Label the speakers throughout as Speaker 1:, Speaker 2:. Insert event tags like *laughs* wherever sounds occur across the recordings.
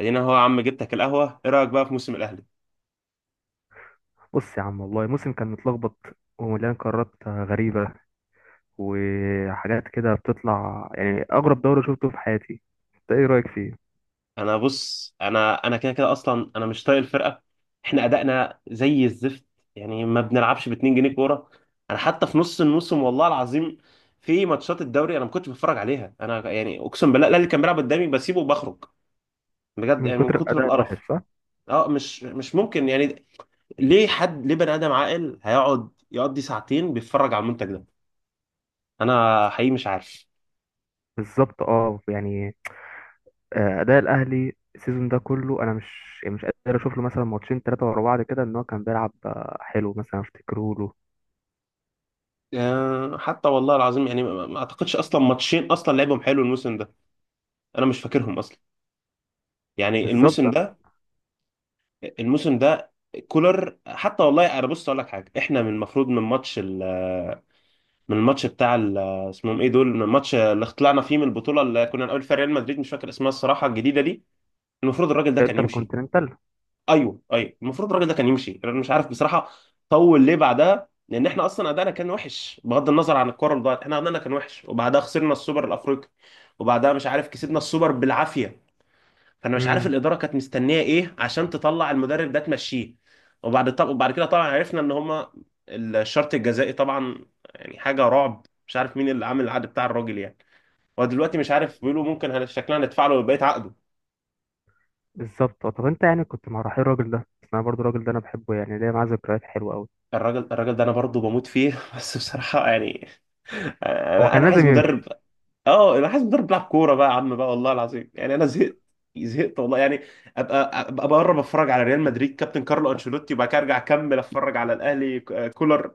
Speaker 1: ادينا هو يا عم جبتك القهوه. ايه رايك بقى في موسم الاهلي؟
Speaker 2: بص يا عم، والله موسم كان متلخبط، ومليان قرارات غريبة، وحاجات كده بتطلع يعني أغرب دوري شفته في حياتي. أنت إيه رأيك فيه؟
Speaker 1: انا بص، انا كده كده اصلا انا مش طايق الفرقه. احنا ادائنا زي الزفت، يعني ما بنلعبش ب 2 جنيه كوره. انا حتى في نص الموسم والله العظيم في ماتشات الدوري انا ما كنتش بتفرج عليها. انا يعني اقسم بالله الاهلي كان بيلعب قدامي بسيبه وبخرج، بجد،
Speaker 2: من
Speaker 1: يعني من
Speaker 2: كتر
Speaker 1: كتر
Speaker 2: الأداء الوحش
Speaker 1: القرف.
Speaker 2: صح؟
Speaker 1: اه، مش ممكن يعني. ليه حد، ليه بني ادم عاقل هيقعد يقضي ساعتين بيتفرج على المنتج ده؟ انا حقيقي مش عارف.
Speaker 2: بالظبط أه يعني. أداء الأهلي السيزون ده كله أنا مش قادر أشوف له مثلا ماتشين تلاتة ورا بعض كده إن هو كان بيلعب حلو مثلا أفتكره له.
Speaker 1: حتى والله العظيم يعني ما اعتقدش اصلا ماتشين اصلا لعبهم حلو الموسم ده. انا مش فاكرهم اصلا، يعني
Speaker 2: بالظبط
Speaker 1: الموسم
Speaker 2: أنا.
Speaker 1: ده. الموسم ده كولر حتى والله انا بص اقول لك حاجه، احنا من المفروض من من اسمهم ايه دول، من الماتش اللي طلعنا فيه من البطوله اللي كنا نقابل فيها ريال مدريد، مش فاكر اسمها الصراحه الجديده دي، المفروض الراجل ده كان
Speaker 2: إنتر
Speaker 1: يمشي.
Speaker 2: كونتيننتال.
Speaker 1: ايوه ايوه، المفروض الراجل ده كان يمشي. انا مش عارف بصراحه طول ليه بعدها، لان احنا اصلا ادائنا كان وحش بغض النظر عن الكوره اللي ضاعت، احنا ادائنا كان وحش، وبعدها خسرنا السوبر الافريقي، وبعدها مش عارف كسبنا السوبر بالعافيه. فانا مش عارف
Speaker 2: امم.
Speaker 1: الاداره كانت مستنيه ايه عشان تطلع المدرب ده تمشيه. وبعد، طب وبعد كده طبعا عرفنا ان هما الشرط الجزائي طبعا، يعني حاجه رعب. مش عارف مين اللي عامل العقد بتاع الراجل يعني. ودلوقتي مش عارف بيقولوا ممكن شكلنا هندفع له بقيه عقده.
Speaker 2: بالظبط. طب أنت يعني كنت مع رحيل الراجل ده، بس أنا برضو الراجل ده أنا بحبه، يعني ليا معاه ذكريات حلوة أوي.
Speaker 1: الراجل ده انا برضه بموت فيه *laughs* بس بصراحه يعني،
Speaker 2: هو
Speaker 1: انا
Speaker 2: كان
Speaker 1: أنا عايز
Speaker 2: لازم
Speaker 1: مدرب.
Speaker 2: يمشي.
Speaker 1: اه، انا عايز مدرب بيلعب كوره بقى يا عم بقى، والله العظيم يعني انا زهقت، زهقت والله يعني. ابقى بره بتفرج على ريال مدريد كابتن كارلو انشيلوتي، وبعد كده ارجع اكمل اتفرج على الاهلي كولر.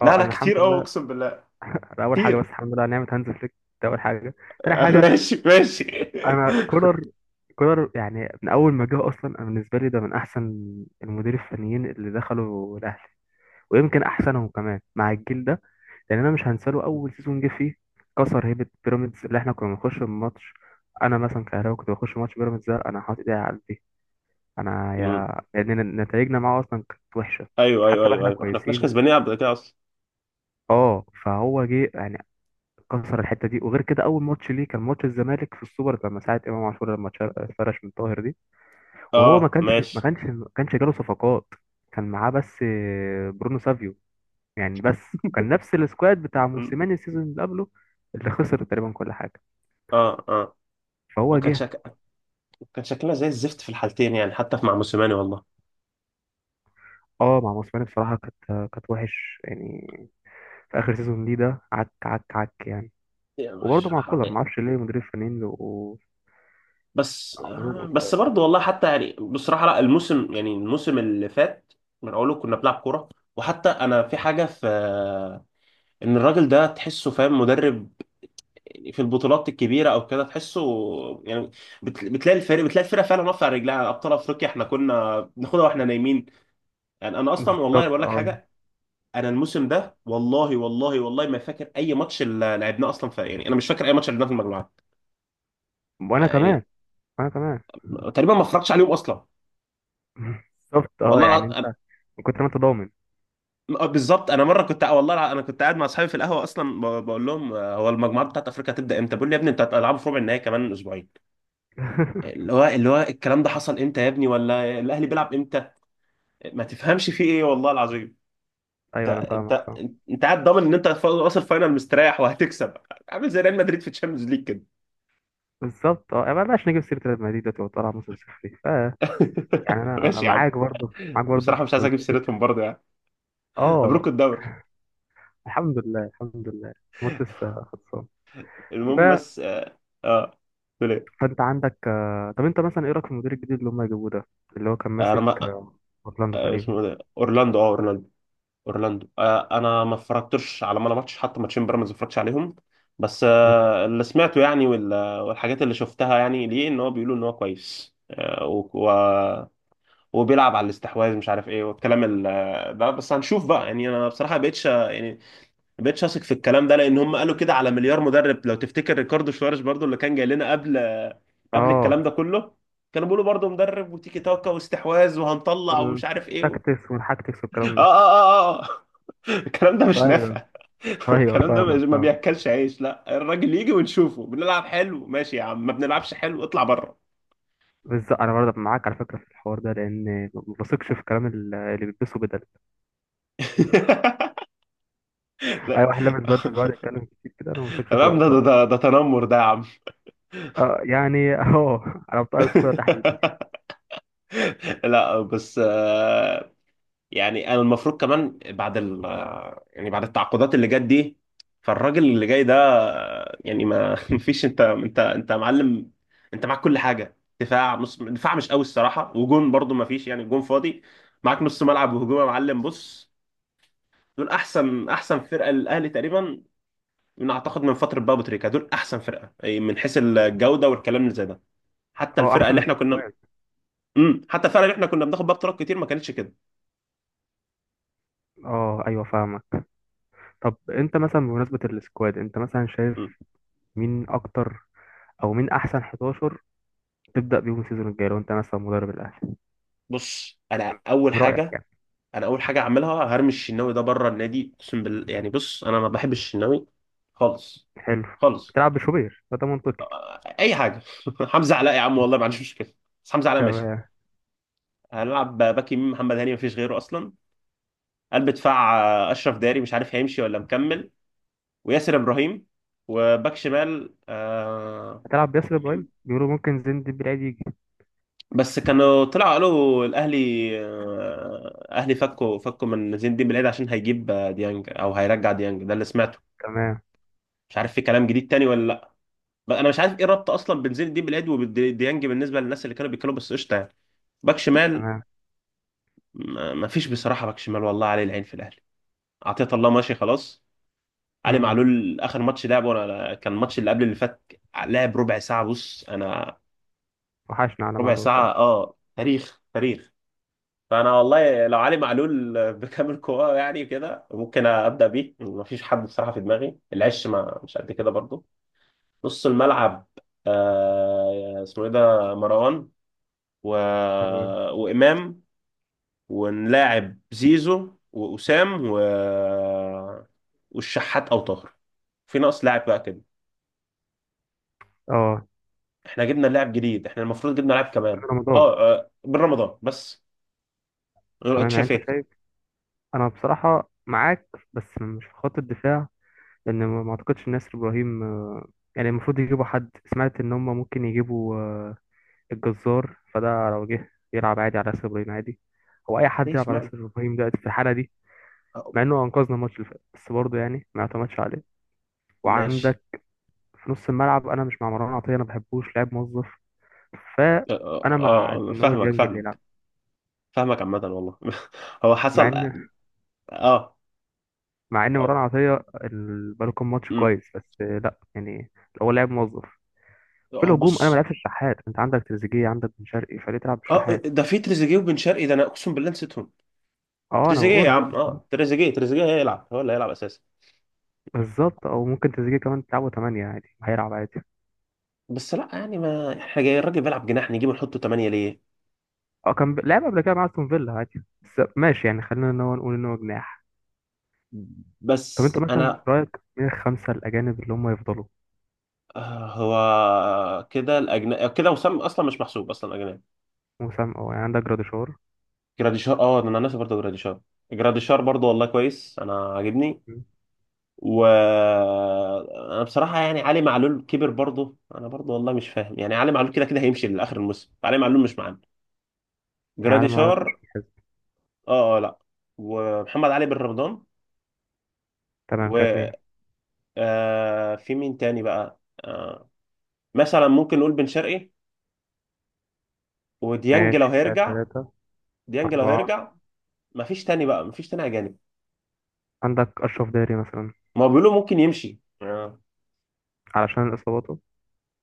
Speaker 1: لا
Speaker 2: أه،
Speaker 1: لا،
Speaker 2: أنا الحمد
Speaker 1: كتير قوي
Speaker 2: لله.
Speaker 1: اقسم بالله.
Speaker 2: *laughs* ده اول حاجه، بس
Speaker 1: كتير.
Speaker 2: الحمد لله على نعمه هانز فليك. ده اول حاجه.
Speaker 1: *laughs*
Speaker 2: تاني حاجه،
Speaker 1: ماشي ماشي.
Speaker 2: انا كولر. كولر يعني من اول ما جه اصلا، انا بالنسبه لي ده من احسن المدير الفنيين اللي دخلوا الاهلي، ويمكن احسنهم كمان مع الجيل ده. لان انا مش هنساله اول سيزون جه فيه، كسر هيبه بيراميدز اللي احنا كنا بنخش الماتش. انا مثلا كهراوي كنت بخش ماتش بيراميدز ده انا حاطط ايدي على قلبي. انا
Speaker 1: أمم.
Speaker 2: يا لان نتائجنا معاه اصلا كانت وحشه،
Speaker 1: ايوه ايوه
Speaker 2: حتى لو
Speaker 1: ايوه
Speaker 2: احنا
Speaker 1: ايوه، احنا ما كناش
Speaker 2: كويسين.
Speaker 1: كسبانين قبل كده اصلا.
Speaker 2: اه، فهو جه يعني كسر الحته دي. وغير كده، اول ماتش ليه كان ماتش الزمالك في السوبر لما ساعه امام عاشور لما اتفرش من طاهر دي. وهو ما
Speaker 1: اه
Speaker 2: كانش، ما
Speaker 1: ماشي.
Speaker 2: كانش ما كانش جاله صفقات. كان معاه بس برونو سافيو يعني بس. وكان نفس السكواد بتاع
Speaker 1: أمم.
Speaker 2: موسيماني السيزون اللي قبله، اللي خسر تقريبا كل حاجه.
Speaker 1: اه اه.
Speaker 2: فهو
Speaker 1: وكان
Speaker 2: جه.
Speaker 1: شك... كان شكلنا زي الزفت في الحالتين يعني، حتى مع موسيماني والله.
Speaker 2: اه، مع موسيماني بصراحه كانت وحش يعني، في اخر سيزون ليه ده عك عك عك يعني.
Speaker 1: يعني
Speaker 2: وبرضه
Speaker 1: مش.
Speaker 2: مع كولر ما اعرفش ليه مدير الفنانين بيبقوا
Speaker 1: بس.
Speaker 2: عمرهم قصير
Speaker 1: بس
Speaker 2: كده.
Speaker 1: برضه والله حتى يعني بصراحة لا، الموسم يعني الموسم اللي فات من أوله كنا بنلعب كورة. وحتى أنا في حاجة في، إن الراجل ده تحسه فاهم مدرب في البطولات الكبيرة أو كده، تحسه يعني. بتلاقي الفريق، بتلاقي الفرقة فعلا واقفة على رجلها. أبطال أفريقيا إحنا كنا بناخدها وإحنا نايمين يعني. أنا أصلا والله
Speaker 2: بالظبط
Speaker 1: بقول لك
Speaker 2: اه.
Speaker 1: حاجة، أنا الموسم ده والله والله والله ما فاكر أي ماتش اللي لعبناه أصلا في، يعني أنا مش فاكر أي ماتش لعبناه في المجموعات
Speaker 2: وانا
Speaker 1: يعني.
Speaker 2: كمان، انا كمان.
Speaker 1: تقريبا ما اتفرجتش عليهم أصلا
Speaker 2: بالظبط اه، يعني
Speaker 1: والله.
Speaker 2: انت من كتر ما انت ضامن.
Speaker 1: آه، بالظبط، انا مره كنت والله انا كنت قاعد مع اصحابي في القهوه اصلا، بقول لهم هو المجموعات بتاعت افريقيا هتبدا امتى؟ بيقول لي يا ابني انت هتلعبوا في ربع النهائي كمان اسبوعين.
Speaker 2: *laughs*
Speaker 1: اللي هو، اللي هو الكلام ده حصل امتى يا ابني؟ ولا الاهلي بيلعب امتى؟ ما تفهمش فيه ايه والله العظيم. انت
Speaker 2: ايوه، انا فاهمك
Speaker 1: انت
Speaker 2: فاهم.
Speaker 1: انت قاعد ضامن ان انت واصل فاينل مستريح وهتكسب، عامل زي ريال مدريد في تشامبيونز ليج كده.
Speaker 2: بالظبط اه، ما بلاش نجيب سيره ريال مدريد دلوقتي وطالع موسم صفري ف. يعني
Speaker 1: *laughs*
Speaker 2: انا
Speaker 1: ماشي يا عم.
Speaker 2: معاك برضه، معاك برضه
Speaker 1: بصراحه
Speaker 2: في
Speaker 1: مش عايز اجيب سيرتهم
Speaker 2: نقطة-.
Speaker 1: برضه يعني.
Speaker 2: اه،
Speaker 1: مبروك الدوري.
Speaker 2: الحمد لله، الحمد لله. الماتش لسه خلصان ف...
Speaker 1: المهم بس اه. آه، تقول ايه؟
Speaker 2: فانت عندك. طب انت مثلا ايه رايك في المدير الجديد اللي هم جابوه ده، اللي هو كان
Speaker 1: انا
Speaker 2: ماسك
Speaker 1: ما.
Speaker 2: اورلاندو تقريبا.
Speaker 1: اسمه إيه ده، اورلاندو، اه، اورلاندو. اورلاندو، آه، انا ما اتفرجتش على ولا ماتش، حتى ماتشين بيراميدز ما اتفرجتش عليهم. بس
Speaker 2: ال-
Speaker 1: آه، اللي سمعته يعني والحاجات اللي شفتها يعني ليه، ان هو بيقولوا ان هو كويس آه وبيلعب على الاستحواذ، مش عارف ايه، والكلام ده. بس هنشوف بقى يعني. انا بصراحه ما بقتش يعني، ما بقتش اثق في الكلام ده، لان هم قالوا كده على مليار مدرب. لو تفتكر ريكاردو شواريز برضو اللي كان جاي لنا قبل، قبل
Speaker 2: اه،
Speaker 1: الكلام ده كله، كانوا بيقولوا برضو مدرب وتيكي تاكا واستحواذ وهنطلع ومش عارف ايه
Speaker 2: والتاكتكس والحاكتكس
Speaker 1: اه
Speaker 2: والكلام ده.
Speaker 1: اه. اه اه. *laughs* الكلام ده مش
Speaker 2: ايوه
Speaker 1: نافع. *laughs*
Speaker 2: ايوه
Speaker 1: الكلام ده ما
Speaker 2: فاهمك
Speaker 1: ما
Speaker 2: فاهمك.
Speaker 1: بياكلش عيش. لا، الراجل يجي ونشوفه، بنلعب حلو ماشي يا عم، ما بنلعبش حلو اطلع بره.
Speaker 2: بالظبط، انا برضه معاك على فكره في الحوار ده، لان ما بثقش في كلام اللي بيلبسه بدل.
Speaker 1: *laughs*
Speaker 2: اي
Speaker 1: لا،
Speaker 2: واحد لابس بدل بيقعد يتكلم كتير كده انا ما بثقش في
Speaker 1: تمام.
Speaker 2: رايه
Speaker 1: ده
Speaker 2: بصراحه.
Speaker 1: تنمر ده يا عم.
Speaker 2: اه يعني اه، *laughs* على بتوع الكوره تحديدا يعني.
Speaker 1: *laughs* لا بس آه، يعني انا المفروض كمان بعد ال آه، يعني بعد التعاقدات اللي جت دي، فالراجل اللي جاي ده آه، يعني ما *laughs* فيش. انت معلم، انت معاك كل حاجه. دفاع، نص دفاع مش قوي الصراحه، وجون برضو ما فيش يعني، جون فاضي. معاك نص ملعب وهجوم يا معلم، بص، دول احسن فرقه للاهلي تقريبا من، اعتقد من فتره بقى أبو تريكه، دول احسن فرقه أي من حيث الجوده والكلام اللي زي ده. حتى
Speaker 2: اه،
Speaker 1: الفرقه
Speaker 2: احسن من
Speaker 1: اللي احنا كنا،
Speaker 2: السكواد.
Speaker 1: امم، حتى الفرقه اللي احنا كنا بناخد بيها بطولات كتير ما كانتش كده.
Speaker 2: اه ايوه فاهمك. طب انت مثلا بمناسبه السكواد، انت مثلا
Speaker 1: مم.
Speaker 2: شايف مين اكتر، او مين احسن 11 تبدا بيهم السيزون الجاي، لو انت مثلا مدرب الاهلي؟
Speaker 1: بص انا اول
Speaker 2: من رايك
Speaker 1: حاجه،
Speaker 2: يعني.
Speaker 1: انا اول حاجه اعملها هرمي الشناوي ده بره النادي اقسم بالله. يعني بص انا ما بحبش الشناوي خالص،
Speaker 2: حلو.
Speaker 1: خالص.
Speaker 2: تلعب بشوبير فده منطقي.
Speaker 1: اي حاجه *laughs* حمزه علاء يا عم، والله ما عنديش مشكله، بس حمزه علاء ماشي.
Speaker 2: تمام.
Speaker 1: هنلعب باك يمين محمد هاني، ما فيش غيره اصلا. قلب دفاع، آه، اشرف داري مش عارف هيمشي ولا مكمل، وياسر ابراهيم. وباك شمال آه،
Speaker 2: هتلعب بياسر
Speaker 1: وفي
Speaker 2: ابراهيم؟
Speaker 1: مين؟
Speaker 2: بيقولوا ممكن زين الدين بالعيد يجي.
Speaker 1: بس كانوا طلعوا قالوا الاهلي آه، اهلي فكوا، فكوا من زين الدين بالعيد عشان هيجيب آه، ديانج، او هيرجع ديانج، ده اللي سمعته.
Speaker 2: تمام.
Speaker 1: مش عارف في كلام جديد تاني ولا لا. بقى انا مش عارف ايه الربط اصلا بين زين الدين بالعيد وديانج بالنسبه للناس اللي كانوا بيتكلموا، بس قشطه يعني. باك شمال،
Speaker 2: تمام.
Speaker 1: ما فيش بصراحه باك شمال والله عليه العين في الاهلي. عطية الله ماشي خلاص. علي
Speaker 2: مم.
Speaker 1: معلول اخر ماتش لعبه انا كان الماتش اللي قبل اللي فات، لعب ربع ساعه بص انا.
Speaker 2: وحشنا على
Speaker 1: ربع
Speaker 2: ميعاد صح.
Speaker 1: ساعة، اه، تاريخ تاريخ. فأنا والله لو علي معلول بكامل قواه يعني كده ممكن أبدأ بيه. مفيش حد بصراحة في دماغي، العش ما مش قد كده برضو. نص الملعب، آه، اسمه إيه ده، مروان و...
Speaker 2: تمام.
Speaker 1: وإمام. ونلاعب زيزو وأسام والشحات أو طاهر. في ناقص لاعب بقى كده.
Speaker 2: اه
Speaker 1: احنا جبنا لاعب جديد، احنا المفروض جبنا لاعب كمان.
Speaker 2: رمضان.
Speaker 1: اه، آه، بن رمضان بس،
Speaker 2: تمام، يعني انت
Speaker 1: اتشافيت.
Speaker 2: شايف. انا بصراحة معاك، بس مش في خط الدفاع، لان ما اعتقدش إن ناسر ابراهيم، يعني المفروض يجيبوا حد. سمعت ان هم ممكن يجيبوا الجزار، فده لو جه يلعب عادي على ناسر ابراهيم عادي. هو اي حد يلعب
Speaker 1: ليش
Speaker 2: على
Speaker 1: معنى
Speaker 2: ناسر ابراهيم دلوقتي في الحالة دي، مع انه انقذنا الماتش اللي فات، بس برضه يعني ما اعتمدش عليه.
Speaker 1: ماشي.
Speaker 2: وعندك في نص الملعب، انا مش مع مروان عطية، انا ما بحبوش لاعب موظف،
Speaker 1: اه،
Speaker 2: فانا مع
Speaker 1: آه،
Speaker 2: ان هو
Speaker 1: فاهمك
Speaker 2: ديانج اللي
Speaker 1: فاهمك
Speaker 2: يلعب.
Speaker 1: فاهمك عامة والله *laughs* هو
Speaker 2: مع
Speaker 1: حصل.
Speaker 2: ان
Speaker 1: اه.
Speaker 2: مع ان مروان
Speaker 1: أو-
Speaker 2: عطيه بقاله كام ماتش
Speaker 1: أمم.
Speaker 2: كويس، بس لا يعني، هو لاعب موظف. في
Speaker 1: اه
Speaker 2: الهجوم، انا ما
Speaker 1: بص.
Speaker 2: لعبش الشحات، انت عندك تريزيجيه، عندك بن شرقي، فليه تلعب
Speaker 1: اه
Speaker 2: بالشحات؟
Speaker 1: ده في تريزيجيه وبن شرقي، ده انا اقسم بالله نسيتهم.
Speaker 2: اه، انا
Speaker 1: تريزيجيه يا
Speaker 2: بقول برضه.
Speaker 1: عم اه، تريزيجيه هيلعب، هو اللي هيلعب اساسا.
Speaker 2: بالظبط، او ممكن تريزيجيه كمان تلعبه 8 عادي، هيلعب عادي.
Speaker 1: بس لا يعني، ما احنا جاي الراجل بيلعب جناح، نجيبه نحطه 8 ليه؟
Speaker 2: اه كان لعب قبل كده مع استون فيلا عادي، بس ماشي يعني خلينا ان هو نقول ان هو جناح. طب انت
Speaker 1: بس
Speaker 2: مثلا
Speaker 1: انا،
Speaker 2: رايك مين الخمسه الاجانب اللي هم يفضلوا؟
Speaker 1: آه، هو كده الاجنبي كده وسام اصلا مش محسوب اصلا اجنبي.
Speaker 2: وسام، او يعني عندك جراديشار.
Speaker 1: جراديشار، اه ده انا ناسي برضه جراديشار. جراديشار برضه والله كويس، انا عاجبني.
Speaker 2: مم.
Speaker 1: وانا بصراحه يعني علي معلول كبر برضه، انا برضه والله مش فاهم يعني. علي معلول كده كده هيمشي لاخر الموسم، علي معلول مش معانا.
Speaker 2: يعني على ما
Speaker 1: جراديشار.
Speaker 2: مش بيتحسب.
Speaker 1: اه اه لا. ومحمد علي بن رمضان،
Speaker 2: تمام كده
Speaker 1: و،
Speaker 2: اتنين.
Speaker 1: آه، في مين تاني بقى، آه، مثلا ممكن نقول بن شرقي وديانج لو
Speaker 2: ماشي كده
Speaker 1: هيرجع.
Speaker 2: تلاته.
Speaker 1: ديانج لو
Speaker 2: اربعه.
Speaker 1: هيرجع. مفيش تاني بقى، مفيش تاني اجانب.
Speaker 2: عندك اشرف داري مثلا،
Speaker 1: ما هو بيقولوا ممكن يمشي اه.
Speaker 2: علشان اصاباته.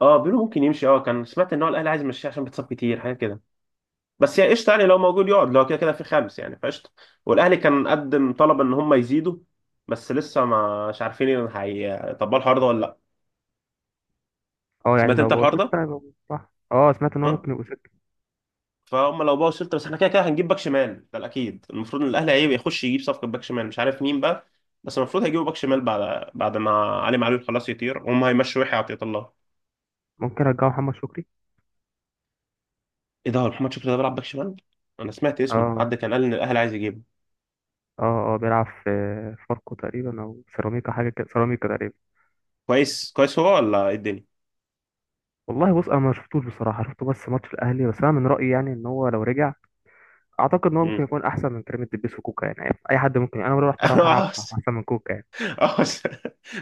Speaker 1: آه، بيقولوا ممكن يمشي اه. كان سمعت ان هو الاهلي عايز يمشيه عشان بيتصاب كتير، حاجه كده. بس يعني قشطه يعني، لو موجود يقعد، لو كده كده في 5 يعني فقشطه. والاهلي كان قدم طلب ان هم يزيدوا، بس لسه مش عارفين ان هيطبقوا الحوار ده ولا لا.
Speaker 2: اه يعني
Speaker 1: سمعت
Speaker 2: لو
Speaker 1: انت
Speaker 2: بقوا
Speaker 1: الحوار ده؟
Speaker 2: ستة يبقوا صح. اه سمعت ان هو
Speaker 1: ها؟
Speaker 2: ممكن يبقوا ستة.
Speaker 1: فهم لو بقوا شلت، بس احنا كده كده هنجيب باك شمال، ده الاكيد. المفروض ان الاهلي هيبقى يخش يجيب صفقه باك شمال، مش عارف مين بقى. بس المفروض هيجيبوا باك شمال بعد، بعد ما علي معلول خلاص يطير، وهم هيمشوا يحيى عطية الله.
Speaker 2: ممكن رجعوا محمد شكري.
Speaker 1: ايه ده، هو محمد شكري ده بيلعب باك شمال؟ انا سمعت اسمه،
Speaker 2: اه
Speaker 1: حد كان قال ان الاهلي عايز يجيبه.
Speaker 2: اه اه، بيلعب في فاركو تقريبا او سيراميكا، حاجة كده، سيراميكا تقريبا.
Speaker 1: كويس كويس، هو ولا ايه الدنيا؟
Speaker 2: والله بص انا ما شفتوش بصراحة، شفته بس ماتش الاهلي، بس انا من رأيي يعني ان هو لو رجع اعتقد ان هو ممكن
Speaker 1: مم.
Speaker 2: يكون احسن من كريم الدبيس وكوكا. يعني اي حد ممكن، انا لو رحت أروح العب
Speaker 1: *laughs*
Speaker 2: احسن من كوكا يعني.
Speaker 1: اه *laughs* بس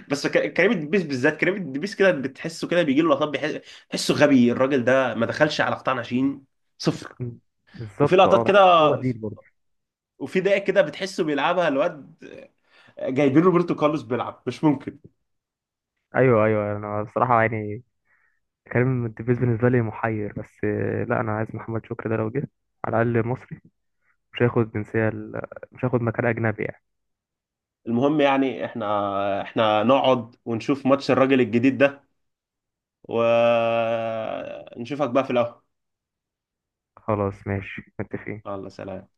Speaker 1: بس. كريم الدبيس بالذات، كريم الدبيس كده بتحسه كده بيجي له لقطات بتحسه غبي الراجل ده، ما دخلش على قطاع ناشئين. 0.
Speaker 2: مم.
Speaker 1: وفي
Speaker 2: بالظبط اه،
Speaker 1: لقطات كده
Speaker 2: بحس هو بديل برضه.
Speaker 1: وفي دقايق كده بتحسه بيلعبها الواد، جايبين روبرتو كارلوس بيلعب. مش ممكن.
Speaker 2: ايوه ايوه، انا بصراحة يعني كريم الدبيس بالنسبة لي محير، بس لا، انا عايز محمد شكري ده لو جه. على الاقل مصري، مش هياخد جنسية مش هياخد مكان أجنبي يعني.
Speaker 1: المهم يعني، احنا نقعد ونشوف ماتش الراجل الجديد ده، ونشوفك بقى في القهوة.
Speaker 2: خلاص ماشي متفقين.
Speaker 1: الله، سلام.